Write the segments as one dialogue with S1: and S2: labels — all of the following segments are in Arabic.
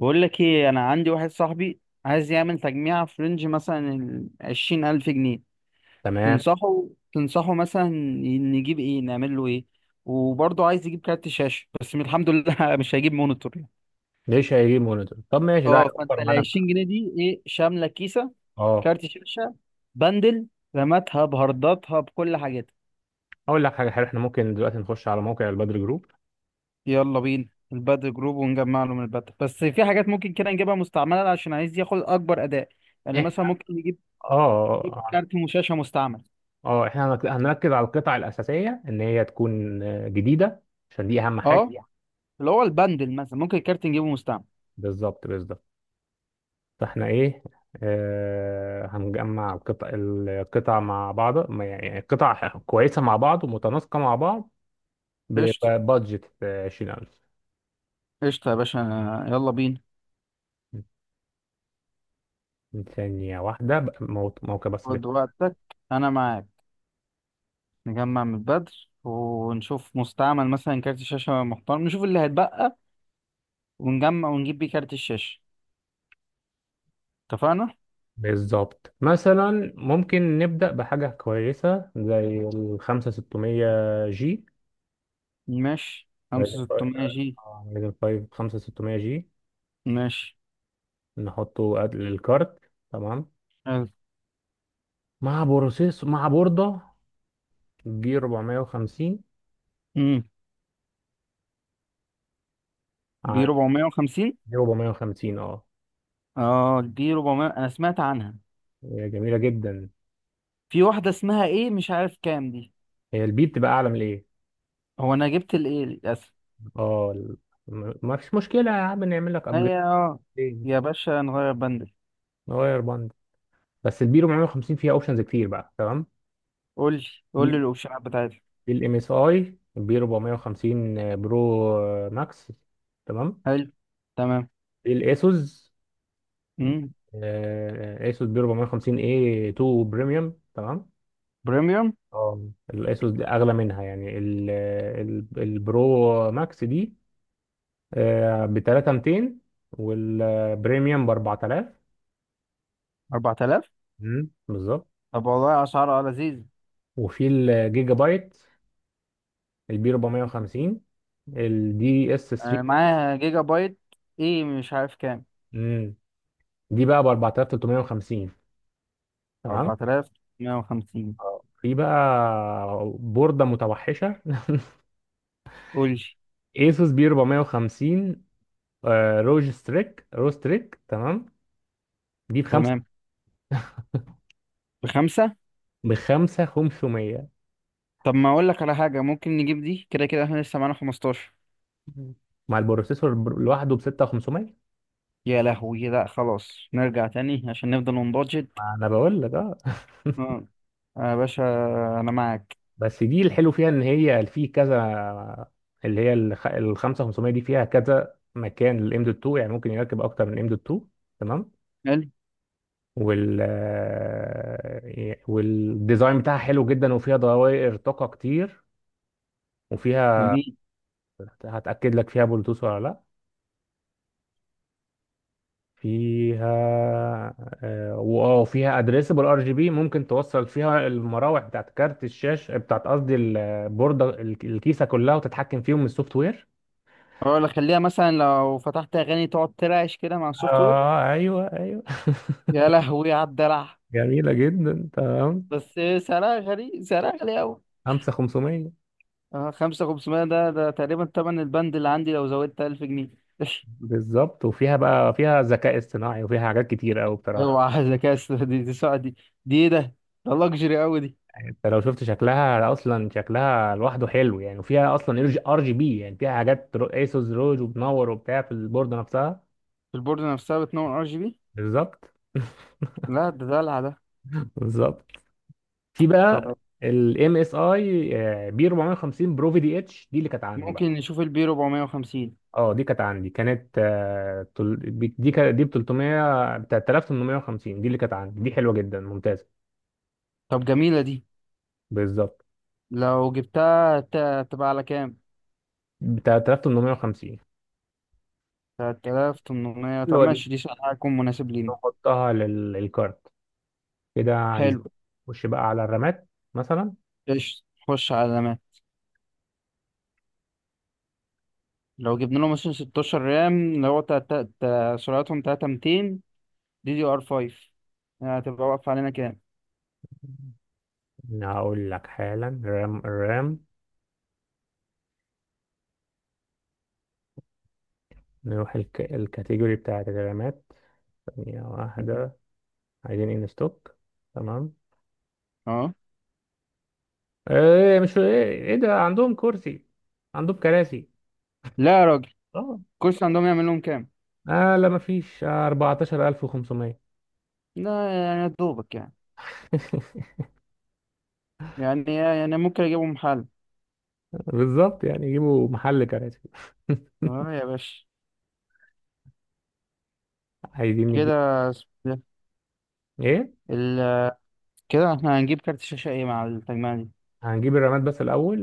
S1: بقول لك ايه، انا عندي واحد صاحبي عايز يعمل تجميع في رينج مثلا ال عشرين الف جنيه.
S2: تمام.
S1: تنصحه تنصحه مثلا، نجيب ايه، نعمل له ايه؟ وبرضه عايز يجيب كارت شاشة، بس الحمد لله مش هيجيب مونيتور يعني.
S2: ليش هيجيب مونيتور؟ طب ماشي، ده
S1: اه، فانت
S2: هيوفر
S1: ال
S2: معانا.
S1: 20 جنيه دي ايه، شاملة كيسة،
S2: اه،
S1: كارت شاشة، بندل، رماتها بهارداتها بكل حاجاتها.
S2: اقول لك حاجه حلوه، احنا ممكن دلوقتي نخش على موقع البدر جروب.
S1: يلا بينا. البدر جروب، ونجمع له من البدر، بس في حاجات ممكن كده نجيبها مستعملة عشان عايز ياخد اكبر اداء. يعني مثلا
S2: احنا
S1: ممكن نجيب
S2: اه اه
S1: كارت شاشة مستعمل.
S2: آه، آه، احنا هنك- هنركز على القطع الاساسيه ان هي تكون جديده، عشان دي اهم حاجه.
S1: اه، اللي هو البندل مثلا ممكن الكارت نجيبه مستعمل.
S2: بالظبط بالظبط. فاحنا ايه آه هنجمع القطع القطع مع بعض، ما يعني قطع كويسه مع بعض ومتناسقه مع بعض،
S1: قشطة.
S2: ببادجت 20000.
S1: قشطة يا باشا. يلا بينا.
S2: ثانيه واحده، موقع بس.
S1: خد وقتك، أنا معاك. نجمع من البدر ونشوف مستعمل مثلا كارت شاشة محترم، نشوف اللي هيتبقى ونجمع ونجيب بيه كارت الشاشة. اتفقنا؟
S2: بالظبط. مثلا ممكن نبدأ بحاجة كويسة زي الخمسة ستمية جي،
S1: ماشي، خمسة
S2: رايزن
S1: ستمية جي.
S2: فايف خمسة ستمية جي.
S1: ماشي.
S2: نحطه قبل الكارت، تمام،
S1: حلو.
S2: مع بروسيس مع بوردة جي 450.
S1: أمم بي
S2: عن.
S1: ربعمية وخمسين.
S2: جي 450، اه
S1: اه دي ربعمية أنا سمعت عنها.
S2: هي جميلة جدا.
S1: في واحدة اسمها ايه مش عارف كام دي.
S2: هي البي بتبقى أعلى من الإيه.
S1: هو أنا جبت الايه للأسف.
S2: اه، ما فيش مشكلة يا عم، نعمل لك أبجريد،
S1: هي اه، يا باشا نغير بند.
S2: نغير بند. بس البي 450 فيها أوبشنز كتير بقى، تمام.
S1: قول لي، قول لي الاوبشنات بتاعتها.
S2: في الام اس اي بي 450 برو، ماكس، تمام.
S1: حلو. تمام.
S2: في الاسوس،
S1: امم
S2: اسوس بي 450 اي 2 بريميوم، تمام.
S1: بريميوم.
S2: اه الاسوس دي اغلى منها، يعني البرو ماكس دي ب 3200، والبريميوم ب 4000.
S1: 4000.
S2: بالظبط.
S1: طب والله اسعار اه لذيذ.
S2: وفي الجيجا بايت البي 450 الدي اس
S1: انا
S2: 3،
S1: معايا جيجا بايت، ايه مش عارف كام.
S2: دي بقى ب 4350، تمام.
S1: 4150.
S2: اه في بقى بوردة متوحشة
S1: قول لي.
S2: ايسوس بي 450 روج ستريك رو ستريك تمام. دي بخمسة.
S1: تمام. بخمسة.
S2: بخمسة 500.
S1: طب ما اقول لك على حاجة، ممكن نجيب دي كده كده احنا لسه معانا 15.
S2: مع البروسيسور لوحده ب 6500.
S1: يا لهوي، لا خلاص نرجع تاني عشان نفضل نبادجت.
S2: ما انا بقول لك اه
S1: اه، يا باشا، انا معاك.
S2: بس دي الحلو فيها ان هي في كذا، اللي هي ال 5500 دي فيها كذا مكان للام دوت 2، يعني ممكن يركب اكتر من ام دوت 2، تمام.
S1: حلو.
S2: والديزاين بتاعها حلو جدا وفيها دوائر طاقة كتير وفيها.
S1: جميل.
S2: هتأكد لك فيها بلوتوث ولا لا. فيها، واه فيها ادريسبل ار جي بي. ممكن توصل فيها المراوح بتاعت كارت الشاشه، بتاعت قصدي البورده، الكيسه كلها، وتتحكم فيهم من السوفت وير.
S1: اه لا، خليها مثلا لو فتحت اغاني تقعد ترعش كده مع السوفت وير.
S2: اه ايوه ايوه
S1: يا لهوي على الدلع.
S2: جميله جدا، تمام.
S1: بس، سعرها غالي، سعرها غالي أوي.
S2: 5500.
S1: اه خمسة خمسمية، ده تقريبا تمن البند اللي عندي لو زودت ألف جنيه.
S2: بالظبط، وفيها بقى فيها ذكاء اصطناعي وفيها حاجات كتير قوي بصراحه.
S1: اوعى ذكاء اصطناعي دي ساعة دي. دي ايه ده؟ ده لكجري أوي دي.
S2: يعني انت لو شفت شكلها اصلا، شكلها لوحده حلو يعني، وفيها اصلا ار جي بي، يعني فيها حاجات، ايسوس روج وبنور وبتاع في البورده نفسها.
S1: البورد نفسها بتنور ار جي بي.
S2: بالظبط
S1: لا، ده دلع ده.
S2: بالظبط. في بقى،
S1: طب
S2: طب الام اس اي بي 450 برو في دي اتش دي اللي كانت عندي
S1: ممكن
S2: بقى.
S1: نشوف البي 450.
S2: اه دي كانت عندي، كانت آه، تل- بي- دي كا- دي ب 300، ب 3850، دي اللي كانت عندي، دي حلوه جدا ممتازه.
S1: طب، جميلة دي.
S2: بالظبط،
S1: لو جبتها تبقى على كام؟
S2: ب 3850،
S1: 3800.
S2: اللي
S1: طب
S2: هو دي.
S1: ماشي، دي سعرها هيكون مناسب لينا.
S2: نحطها للكارت كده. عايز
S1: حلو.
S2: نخش بقى على الرامات مثلا.
S1: قشطة. خش على الأمان. لو جبنا له مثلا 16 رام اللي هو سرعتهم 3200، دي دي ار 5، هتبقى واقفة علينا كام.
S2: هقول لك حالا. رام نروح الكاتيجوري بتاعت الرامات. ثانية واحدة. عايزين ان ستوك، تمام.
S1: اه.
S2: ايه مش ايه، إيه ده، عندهم كرسي؟ عندهم كراسي؟
S1: لا يا راجل.
S2: اه
S1: كورس عندهم يعمل لهم كام.
S2: اه لا مفيش، 14500
S1: لا يعني، يا دوبك يعني. يعني ممكن اجيبهم حل.
S2: بالظبط، يعني يجيبوا محل كراسي
S1: اه يا باشا.
S2: عايزين
S1: كده
S2: نجيب
S1: اسمه ده.
S2: ايه.
S1: ال... كده احنا هنجيب كارت شاشة ايه مع التجميع دي.
S2: هنجيب الرامات بس الاول.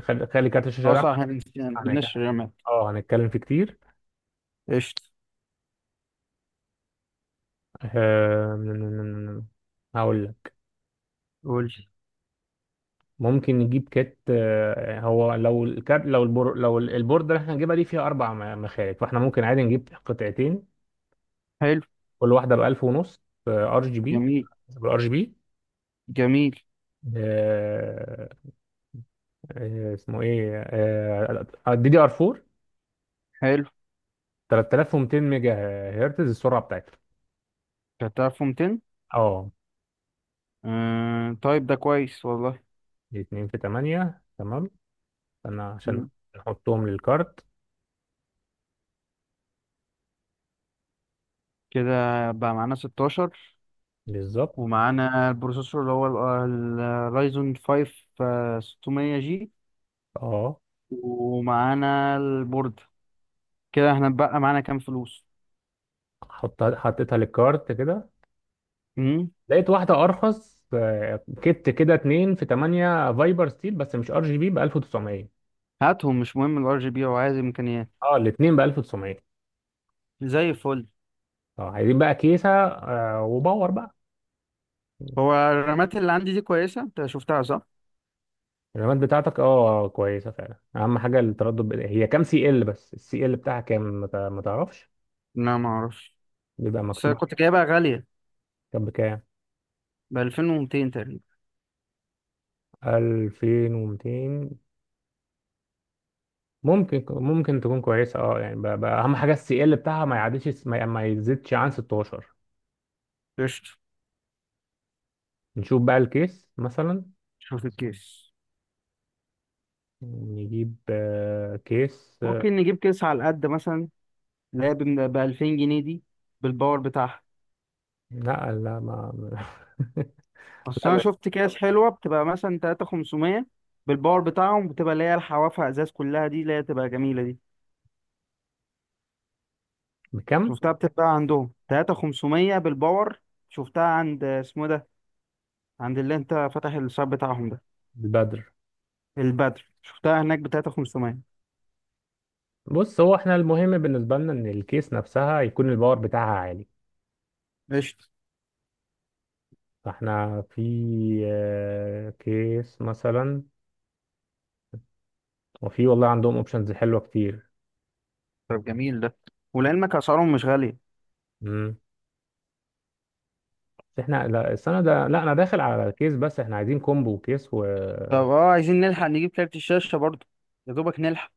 S2: خلي خلي كارت الشاشه
S1: اه
S2: ده.
S1: صح، احنا نسينا، ما
S2: هن-
S1: جبناش الرامات.
S2: اه هنتكلم فيه كتير.
S1: قشطة.
S2: آه، هقول لك.
S1: قول.
S2: ممكن نجيب، كات آه، هو لو الكارت، لو البورد اللي احنا هنجيبها دي فيها اربع مخارج، فاحنا ممكن عادي نجيب قطعتين،
S1: حلو.
S2: كل واحدة ب 1000 ونص، ار جي بي،
S1: جميل.
S2: بالار جي بي.
S1: جميل.
S2: آه، اسمه ايه، دي دي ار 4
S1: حلو.
S2: 3200 ميجا هرتز السرعة بتاعتها.
S1: كانت 1200.
S2: اه
S1: طيب ده كويس والله.
S2: دي 2 في 8، تمام، انا عشان
S1: مم.
S2: نحطهم للكارت.
S1: كده بقى معانا 16.
S2: بالظبط.
S1: ومعانا البروسيسور اللي هو ال- الرايزون 5 600 جي.
S2: اه
S1: ومعانا البورد. كده احنا بقى معانا كام فلوس.
S2: حطيتها للكارت كده.
S1: امم
S2: لقيت واحدة ارخص، كت كده 2 في 8 فايبر ستيل بس مش ار جي بي ب 1900.
S1: هاتهم، مش مهم الار جي بي، هو عايز امكانيات.
S2: اه الاثنين ب 1900.
S1: زي الفل.
S2: اه عايزين بقى كيسة وباور بقى.
S1: هو الرامات اللي عندي دي كويسه، انت شفتها صح؟
S2: الرامات بتاعتك اه كويسه فعلا. اهم حاجه التردد، هي كام سي ال، بس السي ال بتاعها كام، ما تعرفش؟
S1: لا، ما اعرفش.
S2: بيبقى
S1: بس
S2: مكتوب
S1: أنا كنت
S2: عليها.
S1: جايبها غاليه،
S2: كام بكام؟
S1: ب 2200 تقريبا.
S2: 2200. ممكن تكون كويسه، اه، يعني بقى اهم حاجه السي ال بتاعها ما يعديش ما يزيدش عن 16.
S1: قشطه.
S2: نشوف بقى الكيس مثلا.
S1: شوف الكيس.
S2: نجيب كيس،
S1: ممكن نجيب كيس على قد مثلا، اللي هي ب 2000 جنيه دي، بالباور بتاعها.
S2: لا لا ما
S1: اصل
S2: لا
S1: انا
S2: ما.
S1: شفت اكياس حلوه بتبقى مثلا 3500 بالباور
S2: آه.
S1: بتاعهم، بتبقى اللي هي الحوافه ازاز كلها، دي اللي هي تبقى جميله دي.
S2: بكم؟
S1: شفتها بتتباع عندهم 3500 بالباور. شفتها عند اسمه إيه ده، عند اللي انت فاتح الشاب بتاعهم ده،
S2: البدر.
S1: البدر. شفتها هناك ب 3500.
S2: بص، هو احنا المهم بالنسبه لنا ان الكيس نفسها يكون الباور بتاعها عالي.
S1: قشطة.
S2: فاحنا في آه، كيس مثلا. وفي والله عندهم اوبشنز حلوه كتير.
S1: طب جميل ده، ولعلمك اسعارهم مش غاليه.
S2: امم بس احنا لا، السنه ده لا انا داخل على كيس، بس احنا عايزين كومبو كيس و.
S1: طب اه، عايزين نلحق نجيب كارت الشاشه برضه، يا دوبك نلحق.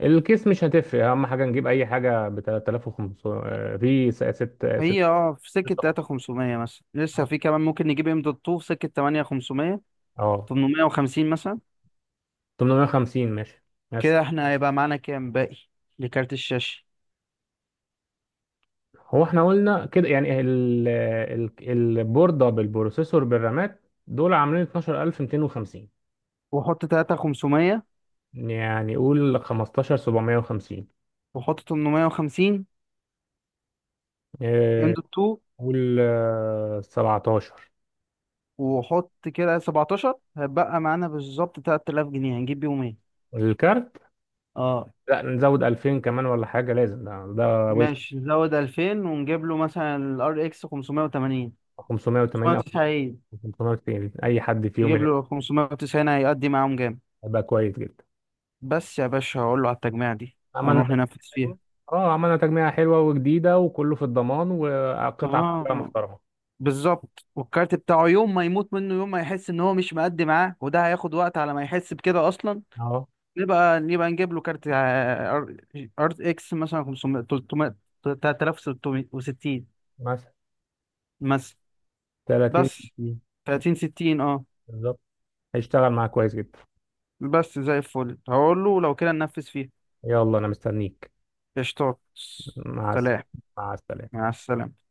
S2: الكيس مش هتفرق، اهم حاجه نجيب اي حاجه ب 3500. في 6
S1: هي
S2: 6،
S1: اه في سكه 3500 مثلا، لسه في كمان ممكن نجيب ام دوت 2 في سكه 8500،
S2: اه
S1: 850 مثلا.
S2: 850 ماشي مثلا.
S1: كده احنا هيبقى معانا كام باقي لكارت الشاشة.
S2: هو احنا قلنا كده، يعني البورده بالبروسيسور بالرامات، دول عاملين 12250.
S1: وحط تلاتة خمسمية.
S2: يعني قول 15750.
S1: وحط تمنمية وخمسين، ام
S2: إيه،
S1: دوت تو.
S2: قول 17.
S1: وحط كده سبعتاشر، هيبقى معانا بالظبط تلات آلاف جنيه. هنجيب بيهم ايه؟
S2: الكارت.
S1: اه
S2: لا نزود 2000 كمان ولا حاجة، لازم ده وش.
S1: ماشي، نزود ألفين ونجيب له مثلا الار اكس خمسمية وتمانين، خمسمية
S2: 580 أو
S1: وتسعين.
S2: 590، أي حد فيهم
S1: نجيب
S2: اللي
S1: له خمسمية وتسعين هيقضي معاهم جامد.
S2: هيبقى كويس جدا.
S1: بس يا باشا، هقول له على التجميع دي
S2: عملنا
S1: ونروح ننفذ
S2: تجميعة
S1: فيها.
S2: حلوة. اه عملنا تجميعة حلوة وجديدة، وكله في الضمان، وقطعة كلها
S1: اه
S2: محترمة.
S1: بالظبط، والكارت بتاعه يوم ما يموت منه، يوم ما يحس ان هو مش مأدي معاه، وده هياخد وقت على ما يحس بكده اصلا.
S2: اه
S1: نبقى نجيب له كارت ار اكس مثلا 500 300 3660
S2: مثلا
S1: مثلا.
S2: 30.
S1: بس 30 60 اه.
S2: بالظبط، هيشتغل معاك كويس جدا.
S1: بس زي الفل. هقول له لو كده ننفذ فيه.
S2: يلا أنا مستنيك.
S1: قشطات.
S2: مع السلامة.
S1: سلام.
S2: مع السلامة.
S1: مع السلامة.